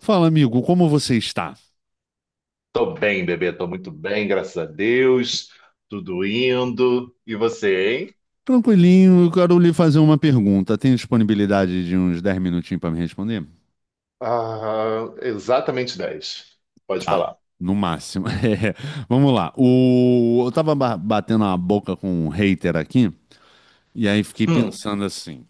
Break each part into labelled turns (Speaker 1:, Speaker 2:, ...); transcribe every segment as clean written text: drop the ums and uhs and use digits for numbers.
Speaker 1: Fala, amigo, como você está?
Speaker 2: Tô bem, bebê, tô muito bem, graças a Deus. Tudo indo. E você, hein?
Speaker 1: Tranquilinho, eu quero lhe fazer uma pergunta. Tem disponibilidade de uns 10 minutinhos para me responder?
Speaker 2: Ah, exatamente 10. Pode
Speaker 1: Tá,
Speaker 2: falar.
Speaker 1: no máximo. É, vamos lá. Eu tava batendo a boca com um hater aqui, e aí fiquei
Speaker 2: Hum,
Speaker 1: pensando assim.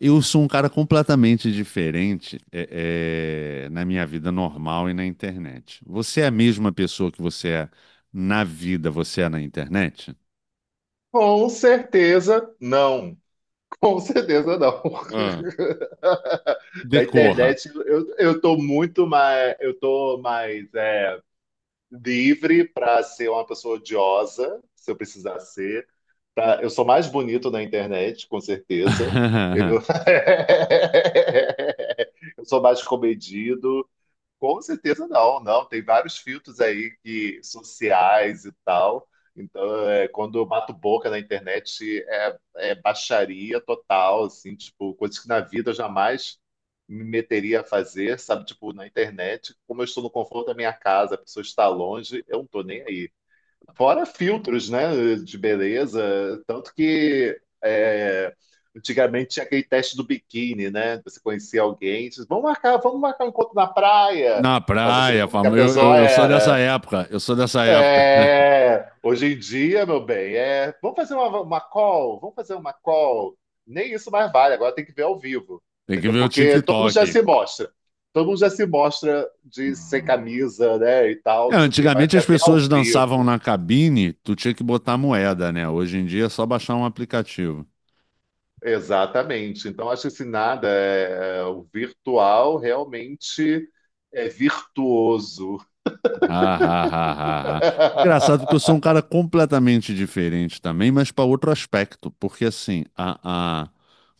Speaker 1: Eu sou um cara completamente diferente na minha vida normal e na internet. Você é a mesma pessoa que você é na vida, você é na internet?
Speaker 2: com certeza não. Com certeza não.
Speaker 1: Ah.
Speaker 2: Da
Speaker 1: Decorra.
Speaker 2: internet eu tô muito mais, eu tô mais livre para ser uma pessoa odiosa, se eu precisar ser. Tá? Eu sou mais bonito na internet, com certeza. Eu, eu sou mais comedido. Com certeza não, não. Tem vários filtros aí que sociais e tal. Então, quando eu bato boca na internet, é baixaria total, assim, tipo, coisas que na vida eu jamais me meteria a fazer, sabe? Tipo, na internet, como eu estou no conforto da minha casa, a pessoa está longe, eu não estou nem aí. Fora filtros, né, de beleza, tanto que antigamente tinha aquele teste do biquíni, né? Você conhecia alguém, diz, vamos marcar um encontro na praia,
Speaker 1: Na
Speaker 2: para você ver
Speaker 1: praia,
Speaker 2: como que a
Speaker 1: fama. Eu,
Speaker 2: pessoa
Speaker 1: eu, eu sou dessa
Speaker 2: era.
Speaker 1: época. Eu sou dessa época.
Speaker 2: É, hoje em dia, meu bem, é, vamos fazer uma call. Nem isso mais vale, agora tem que ver ao vivo,
Speaker 1: Tem que
Speaker 2: entendeu?
Speaker 1: ver o
Speaker 2: Porque todo mundo já
Speaker 1: TikTok.
Speaker 2: se mostra. Todo mundo já se mostra de sem camisa, né, e tal,
Speaker 1: É,
Speaker 2: não sei o quê, mas eu
Speaker 1: antigamente as
Speaker 2: quero ver ao
Speaker 1: pessoas dançavam
Speaker 2: vivo.
Speaker 1: na cabine, tu tinha que botar moeda, né? Hoje em dia é só baixar um aplicativo.
Speaker 2: Exatamente. Então, acho que esse nada o virtual realmente é virtuoso.
Speaker 1: Ah, ah, ah, ah, ah. Engraçado porque eu sou um cara completamente diferente também, mas para outro aspecto. Porque assim,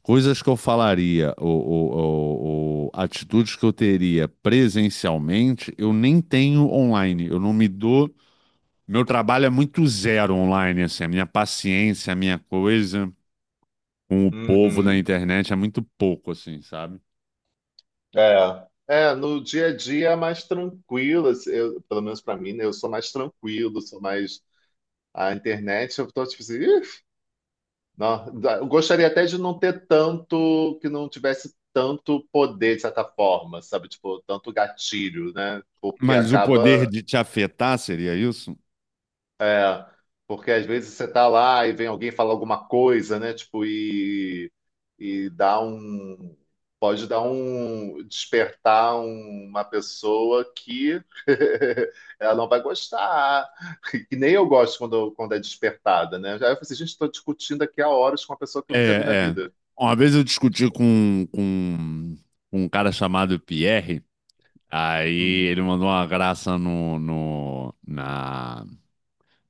Speaker 1: coisas que eu falaria, ou atitudes que eu teria presencialmente, eu nem tenho online. Eu não me dou. Meu trabalho é muito zero online, assim. A minha paciência, a minha coisa com o povo da
Speaker 2: Uhum.
Speaker 1: internet é muito pouco, assim, sabe?
Speaker 2: É. É, no dia a dia é mais tranquilo, assim, eu- pelo menos para mim, né? Eu sou mais tranquilo, sou mais. A internet, eu tô tipo assim, "Ih, não, dá- eu gostaria até de não ter tanto, que não tivesse tanto poder, de certa forma, sabe? Tipo, tanto gatilho, né? Porque
Speaker 1: Mas o poder
Speaker 2: acaba.
Speaker 1: de te afetar seria isso?
Speaker 2: É, porque às vezes você tá lá e vem alguém falar alguma coisa, né? Tipo, e dá um. Pode dar um. Despertar um- uma pessoa que ela não vai gostar. Que nem eu gosto quando é despertada, né? Aí eu falei assim, gente, estou discutindo aqui há horas com uma pessoa que eu nunca vi na
Speaker 1: É, é.
Speaker 2: vida.
Speaker 1: Uma vez eu discuti com um cara chamado Pierre, aí
Speaker 2: Uhum.
Speaker 1: ele mandou uma graça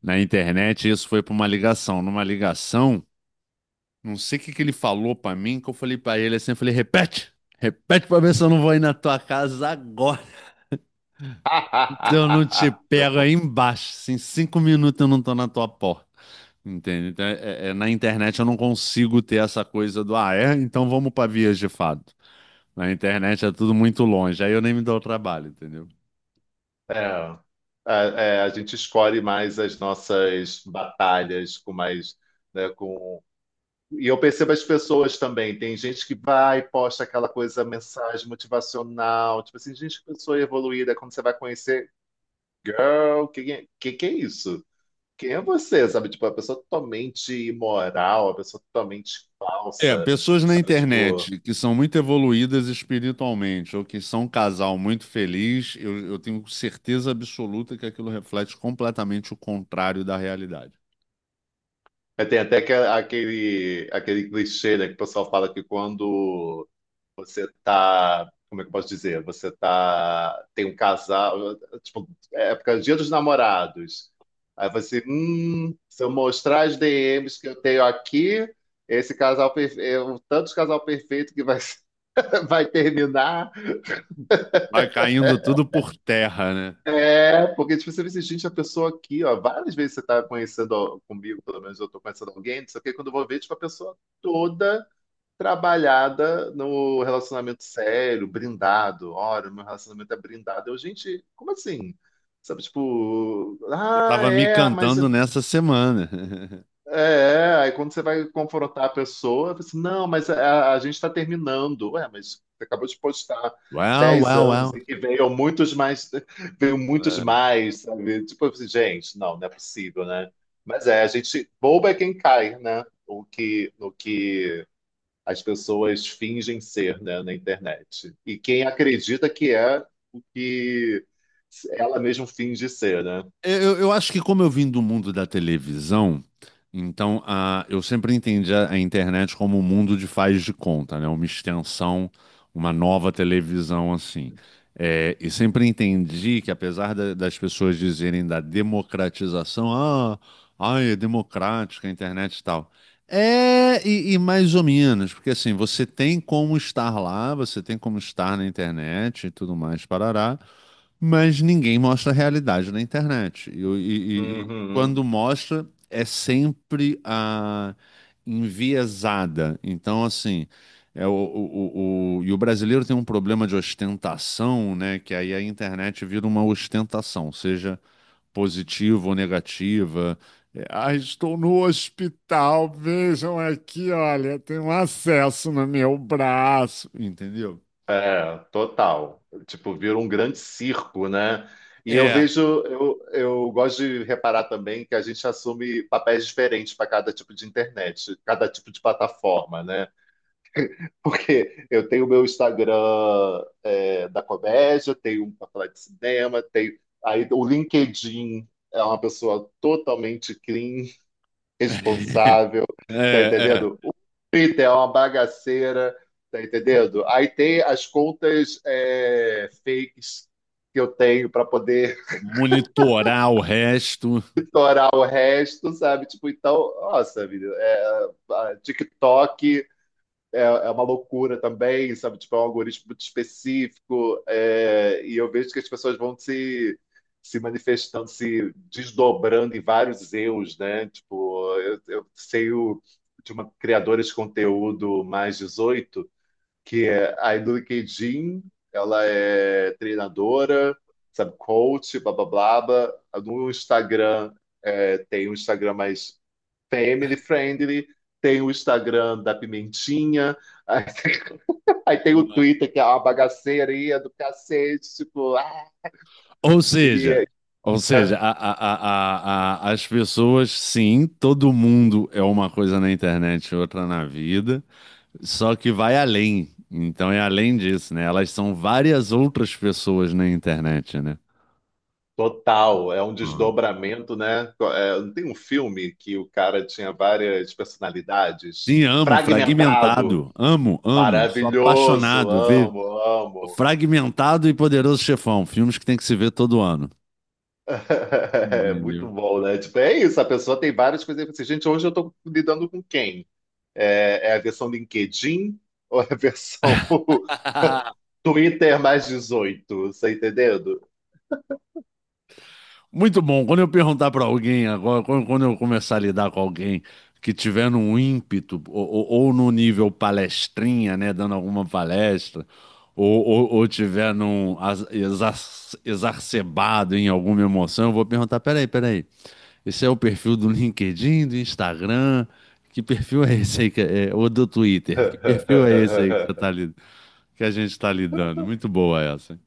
Speaker 1: na internet e isso foi para uma ligação. Numa ligação, não sei o que que ele falou para mim, que eu falei para ele assim, eu falei, repete, repete para ver se eu não vou ir na tua casa agora. Se eu não te pego aí embaixo, assim, 5 minutos eu não tô na tua porta. Entende? Então, na internet eu não consigo ter essa coisa do, ah, é? Então vamos para vias de fato. Na internet é tudo muito longe, aí eu nem me dou o trabalho, entendeu?
Speaker 2: É. É, é, a gente escolhe mais as nossas batalhas com mais, né, com E eu percebo as pessoas também. Tem gente que vai e posta aquela coisa, mensagem motivacional. Tipo assim, gente, que pessoa evoluída. Quando você vai conhecer, girl, que é isso? Quem é você? Sabe? Tipo, a pessoa totalmente imoral, a pessoa totalmente
Speaker 1: É,
Speaker 2: falsa.
Speaker 1: pessoas na
Speaker 2: Sabe? Tipo,
Speaker 1: internet que são muito evoluídas espiritualmente ou que são um casal muito feliz, eu tenho certeza absoluta que aquilo reflete completamente o contrário da realidade.
Speaker 2: é, tem até aquele, aquele clichê, né, que o pessoal fala que quando você tá, como é que eu posso dizer? Você tá, tem um casal, tipo, época, Dia dos Namorados. Aí você, se eu mostrar as DMs que eu tenho aqui, esse casal perfeito, tanto de casal perfeito que vai, vai terminar.
Speaker 1: Vai caindo tudo por terra, né?
Speaker 2: É, porque tipo, você vê assim, gente, a pessoa aqui, ó, várias vezes você tá conhecendo ó, comigo, pelo menos eu tô conhecendo alguém, não sei o que, quando eu vou ver, tipo, a pessoa toda trabalhada no relacionamento sério, brindado. Ora, meu relacionamento é brindado. Eu, gente, como assim? Sabe, tipo,
Speaker 1: Você
Speaker 2: ah,
Speaker 1: tava me
Speaker 2: é, mas. É,
Speaker 1: cantando nessa semana.
Speaker 2: é. Aí quando você vai confrontar a pessoa, você, não, mas a gente está terminando. Ué, mas você acabou de postar
Speaker 1: Well,
Speaker 2: 10
Speaker 1: well,
Speaker 2: anos e que veio muitos mais, veio muitos
Speaker 1: uau.
Speaker 2: mais, sabe? Tipo assim, gente, não, não é possível, né? Mas é, a gente, bobo é quem cai, né? O que as pessoas fingem ser, né, na internet. E quem acredita que é o que ela mesma finge ser, né?
Speaker 1: É, eu acho que como eu vim do mundo da televisão, então a, eu sempre entendi a internet como um mundo de faz de conta, né? Uma extensão, uma nova televisão assim. É, e sempre entendi que apesar das pessoas dizerem da democratização, ah, ai, é democrática a internet e tal. É, e mais ou menos, porque assim, você tem como estar lá, você tem como estar na internet e tudo mais, parará. Mas ninguém mostra a realidade na internet. E, e
Speaker 2: Uhum.
Speaker 1: quando mostra, é sempre a enviesada. Então, assim, é o, o, e o brasileiro tem um problema de ostentação, né? Que aí a internet vira uma ostentação, seja positiva ou negativa. É, ah, estou no hospital, vejam aqui, olha, tem um acesso no meu braço, entendeu?
Speaker 2: É, total. Tipo, vira um grande circo, né? E eu
Speaker 1: É.
Speaker 2: vejo, eu gosto de reparar também que a gente assume papéis diferentes para cada tipo de internet, cada tipo de plataforma, né? Porque eu tenho o meu Instagram da comédia, tenho um pra falar de cinema, tenho. Aí o LinkedIn é uma pessoa totalmente clean, responsável, tá
Speaker 1: É,
Speaker 2: entendendo? O Twitter é uma bagaceira, tá entendendo? Aí tem as contas é, fakes que eu tenho para poder
Speaker 1: monitorar o resto.
Speaker 2: orar o resto, sabe? Tipo, então, nossa, vida, é, a TikTok. É, é uma loucura também, sabe? Tipo, é um algoritmo muito específico, é, e eu vejo que as pessoas vão se manifestando, se desdobrando em vários eus, né? Tipo, eu sei o, de uma criadora de conteúdo mais 18, que é a LinkedIn, ela é treinadora, sabe, coach, blá blá blá. Blá. No Instagram, é, tem um Instagram mais Family Friendly, tem o Instagram da Pimentinha, aí, aí tem o Twitter, que é uma bagaceirinha do cacete, tipo, ah,
Speaker 1: Ou
Speaker 2: e
Speaker 1: seja,
Speaker 2: é
Speaker 1: ou seja, as pessoas, sim, todo mundo é uma coisa na internet e outra na vida, só que vai além. Então é além disso, né? Elas são várias outras pessoas na internet, né?
Speaker 2: total, é um
Speaker 1: Hum.
Speaker 2: desdobramento, né? É, não tem um filme que o cara tinha várias personalidades?
Speaker 1: Sim, amo,
Speaker 2: Fragmentado,
Speaker 1: fragmentado. Amo, amo. Sou
Speaker 2: maravilhoso,
Speaker 1: apaixonado. Ver
Speaker 2: amo, amo.
Speaker 1: Fragmentado e Poderoso Chefão, filmes que tem que se ver todo ano.
Speaker 2: É muito
Speaker 1: Entendeu?
Speaker 2: bom, né? Tipo, é isso, a pessoa tem várias coisas. Assim, gente, hoje eu tô lidando com quem? É, é a versão LinkedIn ou é a versão Twitter mais 18, você entendendo?
Speaker 1: Muito bom. Quando eu perguntar para alguém agora, quando eu começar a lidar com alguém que tiver num ímpeto ou no nível palestrinha, né, dando alguma palestra, ou tiver num exacerbado em alguma emoção, eu vou perguntar: peraí, peraí, esse é o perfil do LinkedIn, do Instagram? Que perfil é esse aí? Que é, é, ou do Twitter? Que perfil é esse aí que você tá, que a gente está lidando? Muito boa essa.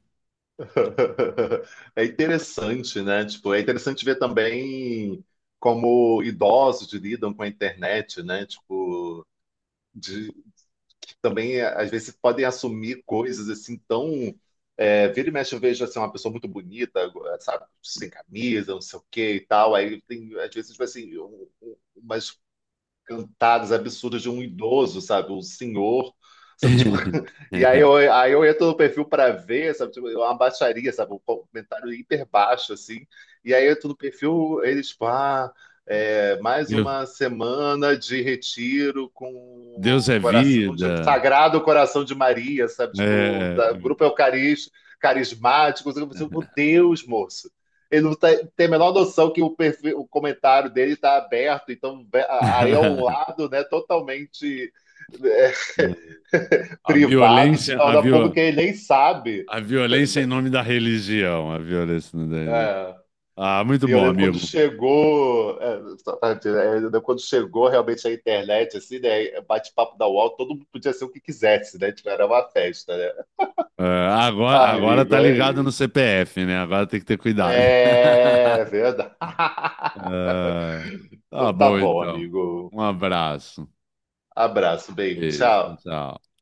Speaker 2: É interessante, né? Tipo, é interessante ver também como idosos lidam com a internet, né? Tipo, de, que também às vezes podem assumir coisas assim tão é, vira e mexe, eu vejo assim, uma pessoa muito bonita, sabe, sem camisa, não sei o quê e tal. Aí tem, às vezes, tipo assim, umas cantadas absurdas de um idoso, sabe? Um senhor, sabe? Tipo, e aí eu entro no perfil para ver, sabe? Tipo, é uma baixaria, sabe? Um comentário hiper baixo, assim. E aí eu entro no perfil, eles, tipo, ah, é, mais
Speaker 1: Deus,
Speaker 2: uma semana de retiro com
Speaker 1: Deus
Speaker 2: o
Speaker 1: é
Speaker 2: coração de,
Speaker 1: vida.
Speaker 2: sagrado coração de Maria, sabe? Tipo,
Speaker 1: É,
Speaker 2: da, grupo eucarístico, carismático. Sabe? Eu, falei, Meu Deus, moço, ele não tá, tem a menor noção que o, perfil, o comentário dele está aberto, então aí é um lado né, totalmente é,
Speaker 1: a
Speaker 2: privado, se
Speaker 1: violência, a,
Speaker 2: torna
Speaker 1: viol,
Speaker 2: público e ele nem sabe.
Speaker 1: a violência em nome da religião, a violência em nome da religião.
Speaker 2: É.
Speaker 1: Ah, muito
Speaker 2: E eu
Speaker 1: bom,
Speaker 2: lembro quando
Speaker 1: amigo.
Speaker 2: chegou, realmente a internet, assim, né? Bate-papo da UOL, todo mundo podia ser o que quisesse, né? Tipo, era uma festa, né?
Speaker 1: É,
Speaker 2: Ai,
Speaker 1: agora
Speaker 2: amigo,
Speaker 1: tá ligado no
Speaker 2: aí.
Speaker 1: CPF, né? Agora tem que ter cuidado.
Speaker 2: É é verdade.
Speaker 1: É, tá
Speaker 2: Então tá
Speaker 1: bom,
Speaker 2: bom,
Speaker 1: então.
Speaker 2: amigo.
Speaker 1: Um abraço.
Speaker 2: Abraço, bem,
Speaker 1: Beijo,
Speaker 2: tchau.
Speaker 1: tchau.